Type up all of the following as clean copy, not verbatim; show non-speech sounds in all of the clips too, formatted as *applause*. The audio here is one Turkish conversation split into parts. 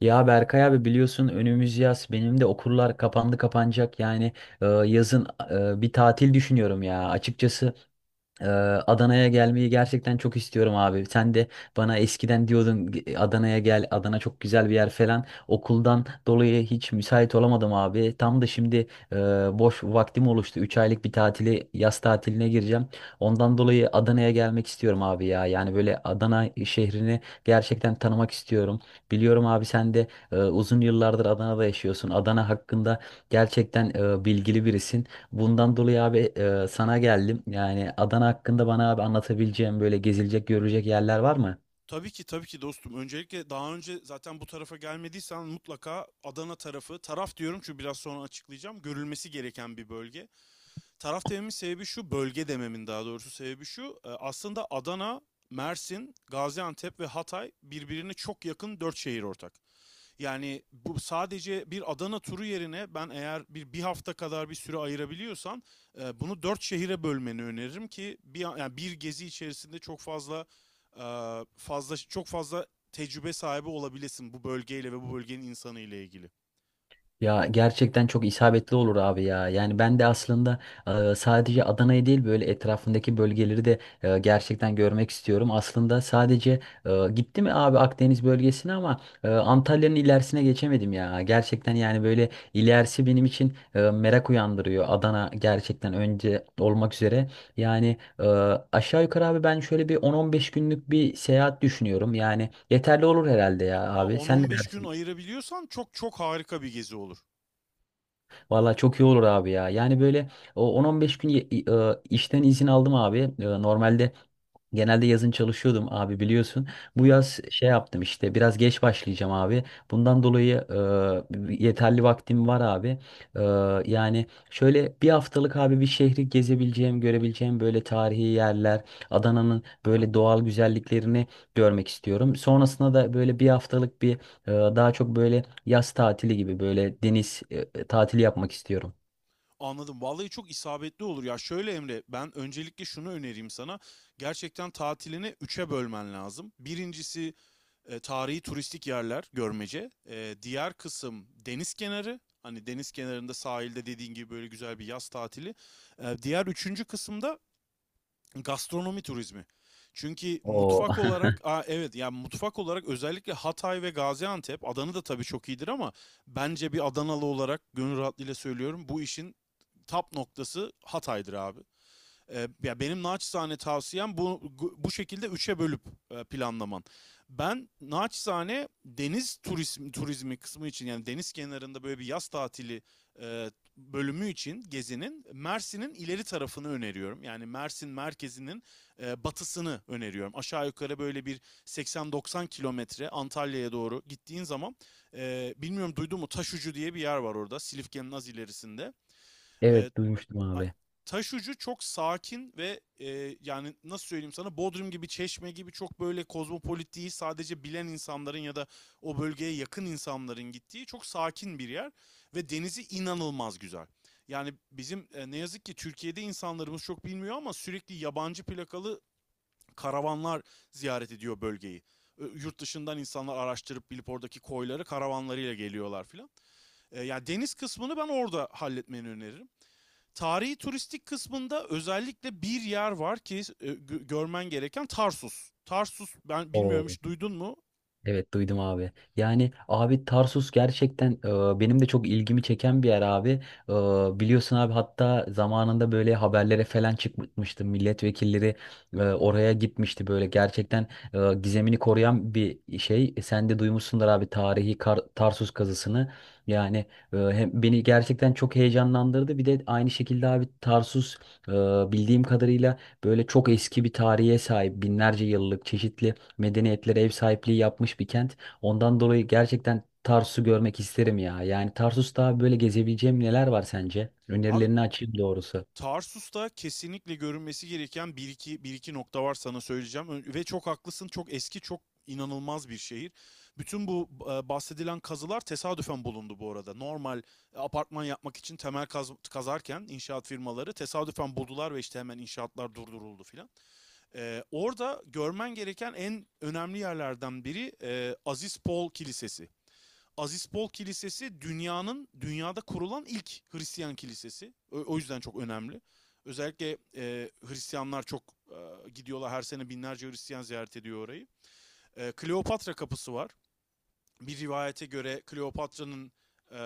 Ya Berkay abi biliyorsun önümüz yaz benim de okullar kapandı kapanacak yani yazın bir tatil düşünüyorum ya açıkçası ee, Adana'ya gelmeyi gerçekten çok istiyorum abi. Sen de bana eskiden diyordun Adana'ya gel, Adana çok güzel bir yer falan." Okuldan dolayı hiç müsait olamadım abi. Tam da şimdi e, boş vaktim oluştu. 3 aylık bir tatili, yaz tatiline gireceğim. Ondan dolayı Adana'ya gelmek istiyorum abi ya. Yani böyle Adana şehrini gerçekten tanımak istiyorum. Biliyorum abi sen de uzun yıllardır Adana'da yaşıyorsun. Adana hakkında gerçekten bilgili birisin. Bundan dolayı abi sana geldim. Yani Adana hakkında bana abi anlatabileceğim böyle gezilecek, görülecek yerler var mı? Tabii ki tabii ki dostum. Öncelikle daha önce zaten bu tarafa gelmediysen mutlaka Adana tarafı, taraf diyorum çünkü biraz sonra açıklayacağım. Görülmesi gereken bir bölge. Taraf dememin sebebi şu, bölge dememin daha doğrusu sebebi şu. Aslında Adana, Mersin, Gaziantep ve Hatay birbirine çok yakın 4 şehir ortak. Yani bu sadece bir Adana turu yerine ben eğer bir hafta kadar bir süre ayırabiliyorsan bunu 4 şehire bölmeni öneririm ki bir yani bir gezi içerisinde çok fazla e, çok fazla tecrübe sahibi olabilesin bu bölgeyle ve bu bölgenin insanı ile ilgili. Ya gerçekten çok isabetli olur abi ya. Yani ben de aslında sadece Adana'yı değil böyle etrafındaki bölgeleri de gerçekten görmek istiyorum. Aslında sadece gitti mi abi Akdeniz bölgesine ama Antalya'nın ilerisine geçemedim ya. Gerçekten yani böyle ilerisi benim için merak uyandırıyor. Adana gerçekten önce olmak üzere. Yani aşağı yukarı abi ben şöyle bir 10-15 günlük bir seyahat düşünüyorum. Yani yeterli olur herhalde ya Aa abi. Sen ne 10-15 gün dersin? ayırabiliyorsan çok çok harika bir gezi olur. Valla çok iyi olur abi ya. Yani böyle o 10-15 gün işten izin aldım abi. E, normalde genelde yazın çalışıyordum abi biliyorsun. Hı Bu hı. yaz şey yaptım işte biraz geç başlayacağım abi. Bundan dolayı yeterli vaktim var abi. E, Yani şöyle bir haftalık abi bir şehri gezebileceğim, görebileceğim böyle tarihi yerler, Adana'nın böyle doğal güzelliklerini görmek istiyorum. Sonrasında da böyle bir haftalık bir daha çok böyle yaz tatili gibi böyle deniz tatili yapmak istiyorum. Anladım. Vallahi çok isabetli olur ya. Şöyle Emre, ben öncelikle şunu önereyim sana. Gerçekten tatilini üçe bölmen lazım. Birincisi tarihi turistik yerler, görmece. E, diğer kısım deniz kenarı. Hani deniz kenarında sahilde dediğin gibi böyle güzel bir yaz tatili. E, diğer üçüncü kısımda gastronomi turizmi. Çünkü Oo. mutfak *laughs* olarak, aa evet yani mutfak olarak özellikle Hatay ve Gaziantep, Adana da tabii çok iyidir ama bence bir Adanalı olarak gönül rahatlığıyla söylüyorum bu işin tap noktası Hatay'dır abi. Ya benim naçizane tavsiyem bu şekilde üçe bölüp planlaman. Ben naçizane deniz turizmi kısmı için yani deniz kenarında böyle bir yaz tatili e, bölümü için gezinin Mersin'in ileri tarafını öneriyorum. Yani Mersin merkezinin batısını öneriyorum. Aşağı yukarı böyle bir 80-90 kilometre Antalya'ya doğru gittiğin zaman bilmiyorum duydun mu Taşucu diye bir yer var orada Silifke'nin az ilerisinde. E, Evet duymuştum abi. Taş ucu çok sakin ve yani nasıl söyleyeyim sana, Bodrum gibi Çeşme gibi çok böyle kozmopolit değil, sadece bilen insanların ya da o bölgeye yakın insanların gittiği çok sakin bir yer ve denizi inanılmaz güzel. Yani bizim ne yazık ki Türkiye'de insanlarımız çok bilmiyor ama sürekli yabancı plakalı karavanlar ziyaret ediyor bölgeyi. E, yurt dışından insanlar araştırıp bilip oradaki koyları karavanlarıyla geliyorlar filan. E, yani deniz kısmını ben orada halletmeni öneririm. Tarihi turistik kısmında özellikle bir yer var ki görmen gereken Tarsus. Tarsus ben bilmiyorum, Oo. hiç duydun mu? Evet duydum abi. Yani abi Tarsus gerçekten benim de çok ilgimi çeken bir yer abi. E, biliyorsun abi hatta zamanında böyle haberlere falan çıkmıştı. Milletvekilleri oraya gitmişti böyle. Gerçekten gizemini koruyan bir şey. E, sen de duymuşsundur abi tarihi Tarsus kazısını. Yani hem beni gerçekten çok heyecanlandırdı. Bir de aynı şekilde abi Tarsus e, bildiğim kadarıyla böyle çok eski bir tarihe sahip. Binlerce yıllık çeşitli medeniyetlere ev sahipliği yapmış bir kent. Ondan dolayı gerçekten Tarsus'u görmek isterim ya. Yani Tarsus'ta böyle gezebileceğim neler var sence? Abi Önerilerini açayım doğrusu. Tarsus'ta kesinlikle görünmesi gereken bir iki nokta var sana söyleyeceğim. Ve çok haklısın, çok eski, çok inanılmaz bir şehir. Bütün bu bahsedilen kazılar tesadüfen bulundu bu arada. Normal apartman yapmak için temel kazarken inşaat firmaları tesadüfen buldular ve işte hemen inşaatlar durduruldu filan. Orada görmen gereken en önemli yerlerden biri Aziz Paul Kilisesi. Aziz Paul Kilisesi dünyada kurulan ilk Hristiyan kilisesi. O yüzden çok önemli. Özellikle Hristiyanlar çok gidiyorlar, her sene binlerce Hristiyan ziyaret ediyor orayı. E, Kleopatra kapısı var, bir rivayete göre Kleopatra'nın e,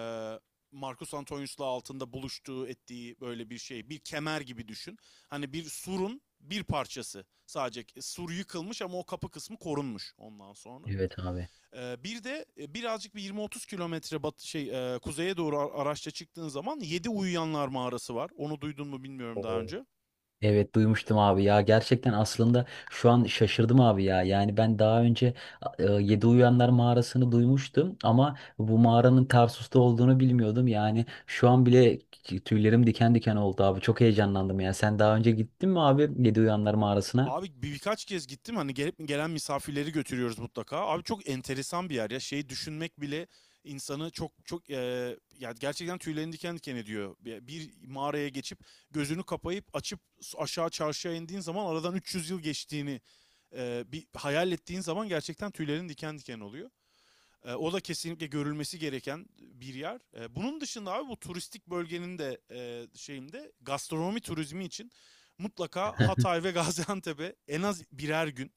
Marcus Antonius'la altında buluştuğu ettiği böyle bir şey. Bir kemer gibi düşün. Hani bir surun bir parçası sadece. Sur yıkılmış ama o kapı kısmı korunmuş ondan sonra. Evet abi. E, bir de birazcık bir 20-30 kilometre kuzeye doğru araçla çıktığın zaman 7 uyuyanlar mağarası var. Onu duydun mu bilmiyorum daha Oo. önce. Evet duymuştum abi ya, gerçekten aslında şu an şaşırdım abi ya, yani ben daha önce Yedi Uyanlar mağarasını duymuştum ama bu mağaranın Tarsus'ta olduğunu bilmiyordum. Yani şu an bile tüylerim diken diken oldu abi, çok heyecanlandım ya. Sen daha önce gittin mi abi Yedi Uyanlar mağarasına? Abi birkaç kez gittim, hani gelip gelen misafirleri götürüyoruz mutlaka. Abi çok enteresan bir yer ya, şeyi düşünmek bile insanı çok çok ya gerçekten tüylerini diken diken ediyor. Bir mağaraya geçip gözünü kapayıp açıp aşağı çarşıya indiğin zaman aradan 300 yıl geçtiğini bir hayal ettiğin zaman gerçekten tüylerin diken diken oluyor. E, o da kesinlikle görülmesi gereken bir yer. E, bunun dışında abi bu turistik bölgenin de şeyinde gastronomi turizmi için mutlaka *laughs* Hatay ve *laughs* Gaziantep'e en az birer gün.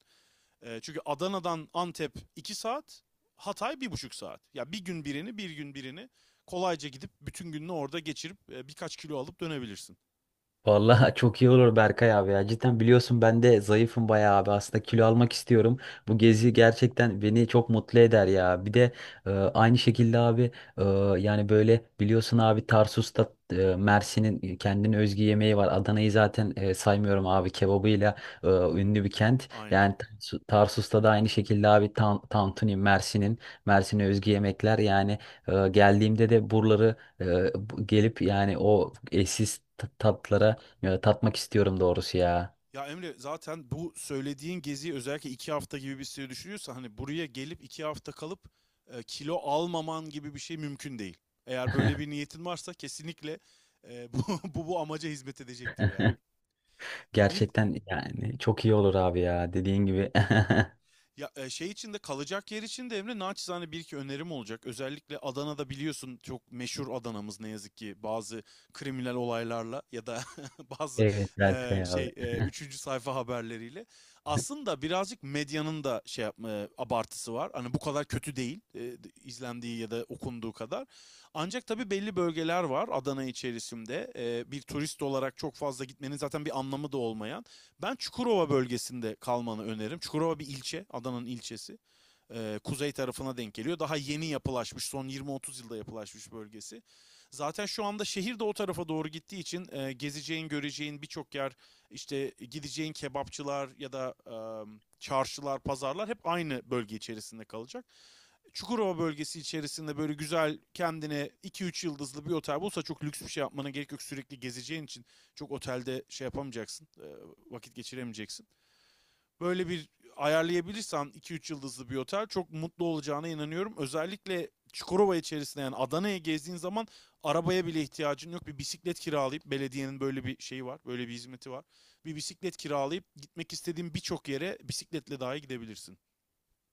E, çünkü Adana'dan Antep 2 saat, Hatay 1,5 saat. Ya bir gün birini, bir gün birini kolayca gidip bütün gününü orada geçirip birkaç kilo alıp dönebilirsin. Vallahi *laughs* çok iyi olur Berkay abi ya. Cidden biliyorsun ben de zayıfım bayağı abi. Aslında kilo almak istiyorum. Bu gezi gerçekten beni çok mutlu eder ya. Bir de aynı şekilde abi e, yani böyle biliyorsun abi Tarsus'ta Mersin'in kendine özgü yemeği var. Adana'yı zaten saymıyorum abi, kebabıyla ünlü bir kent. Aynen. Yani Tarsus'ta da aynı şekilde abi tan tantuni, Mersin'in Mersin'e özgü yemekler. Yani geldiğimde de buraları e, gelip yani o eşsiz tatlara ya tatmak istiyorum doğrusu ya. Ya Emre, zaten bu söylediğin geziyi özellikle 2 hafta gibi bir süre düşünüyorsa hani buraya gelip 2 hafta kalıp kilo almaman gibi bir şey mümkün değil. Eğer böyle bir niyetin varsa kesinlikle e, *laughs* bu, bu amaca hizmet edecektir yani. *laughs* Bir Gerçekten yani çok iyi olur abi ya, dediğin gibi. *laughs* Ya şey için de kalacak yer için de Emre naçizane bir iki önerim olacak. Özellikle Adana'da biliyorsun çok meşhur Adana'mız ne yazık ki bazı kriminal olaylarla ya da *laughs* bazı Evet Berkay abi. Üçüncü sayfa haberleriyle. Aslında birazcık medyanın da şey yapma abartısı var. Hani bu kadar kötü değil izlendiği ya da okunduğu kadar. Ancak tabii belli bölgeler var Adana içerisinde. E, bir turist olarak çok fazla gitmenin zaten bir anlamı da olmayan. Ben Çukurova bölgesinde kalmanı öneririm. Çukurova bir ilçe, Adana'nın ilçesi, kuzey tarafına denk geliyor. Daha yeni yapılaşmış, son 20-30 yılda yapılaşmış bölgesi. Zaten şu anda şehir de o tarafa doğru gittiği için gezeceğin, göreceğin birçok yer, işte gideceğin kebapçılar ya da çarşılar, pazarlar hep aynı bölge içerisinde kalacak. Çukurova bölgesi içerisinde böyle güzel kendine 2-3 yıldızlı bir otel bulsa çok lüks bir şey yapmana gerek yok. Sürekli gezeceğin için çok otelde şey yapamayacaksın, vakit geçiremeyeceksin, böyle bir ayarlayabilirsem 2-3 yıldızlı bir otel çok mutlu olacağına inanıyorum. Özellikle Çukurova içerisinde yani Adana'ya gezdiğin zaman arabaya bile ihtiyacın yok. Bir bisiklet kiralayıp, belediyenin böyle bir şeyi var, böyle bir hizmeti var. Bir bisiklet kiralayıp gitmek istediğin birçok yere bisikletle dahi gidebilirsin.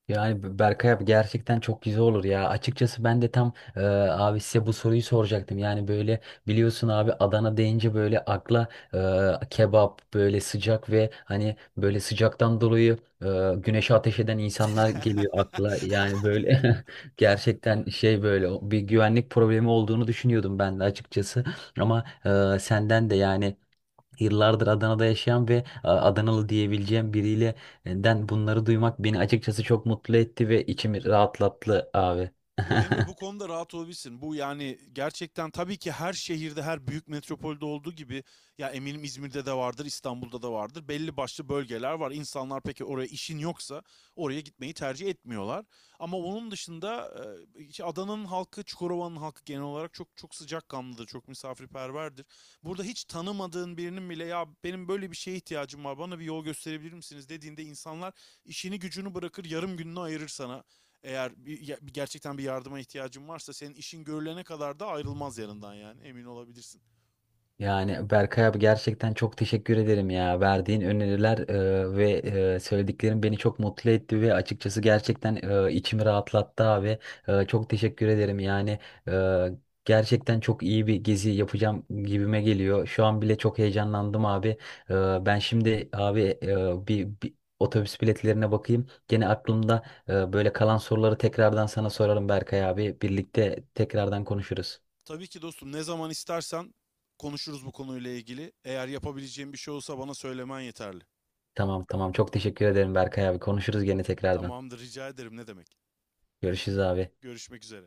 Yani Berkay abi gerçekten çok güzel olur ya. Açıkçası ben de tam abi size bu soruyu soracaktım. Yani böyle biliyorsun abi Adana deyince böyle akla kebap, böyle sıcak ve hani böyle sıcaktan dolayı güneşe ateş eden insanlar geliyor Hahaha. akla. Yani böyle *laughs* gerçekten şey böyle o- bir güvenlik problemi olduğunu düşünüyordum ben de açıkçası. Ama senden de yani yıllardır Adana'da yaşayan ve a, Adanalı diyebileceğim biriyle den bunları duymak beni açıkçası çok mutlu etti ve içimi rahatlattı abi. Yo Emre, bu *laughs* konuda rahat olabilirsin. Bu yani gerçekten tabii ki her şehirde, her büyük metropolde olduğu gibi, ya eminim İzmir'de de vardır, İstanbul'da da vardır. Belli başlı bölgeler var. İnsanlar peki oraya işin yoksa oraya gitmeyi tercih etmiyorlar. Ama onun dışında işte Adana'nın halkı, Çukurova'nın halkı genel olarak çok çok sıcakkanlıdır, çok misafirperverdir. Burada hiç tanımadığın birinin bile, ya benim böyle bir şeye ihtiyacım var, bana bir yol gösterebilir misiniz dediğinde insanlar işini gücünü bırakır, yarım gününü ayırır sana. Eğer gerçekten bir yardıma ihtiyacın varsa senin işin görülene kadar da ayrılmaz yanından, yani emin olabilirsin. Yani Berkay abi gerçekten çok teşekkür ederim ya. Verdiğin öneriler ve söylediklerin beni çok mutlu etti ve açıkçası gerçekten içimi rahatlattı abi. E, çok teşekkür ederim yani. e, Gerçekten çok iyi bir gezi yapacağım gibime geliyor. Şu an bile çok heyecanlandım abi. E, ben şimdi abi bir otobüs biletlerine bakayım. Gene aklımda böyle kalan soruları tekrardan sana sorarım Berkay abi. Birlikte tekrardan konuşuruz. Tabii ki dostum, ne zaman istersen konuşuruz bu konuyla ilgili. Eğer yapabileceğim bir şey olsa bana söylemen yeterli. Tamam tamam. Çok teşekkür ederim Berkay abi. Konuşuruz gene tekrardan. Tamamdır, rica ederim, ne demek. Görüşürüz abi. Görüşmek üzere.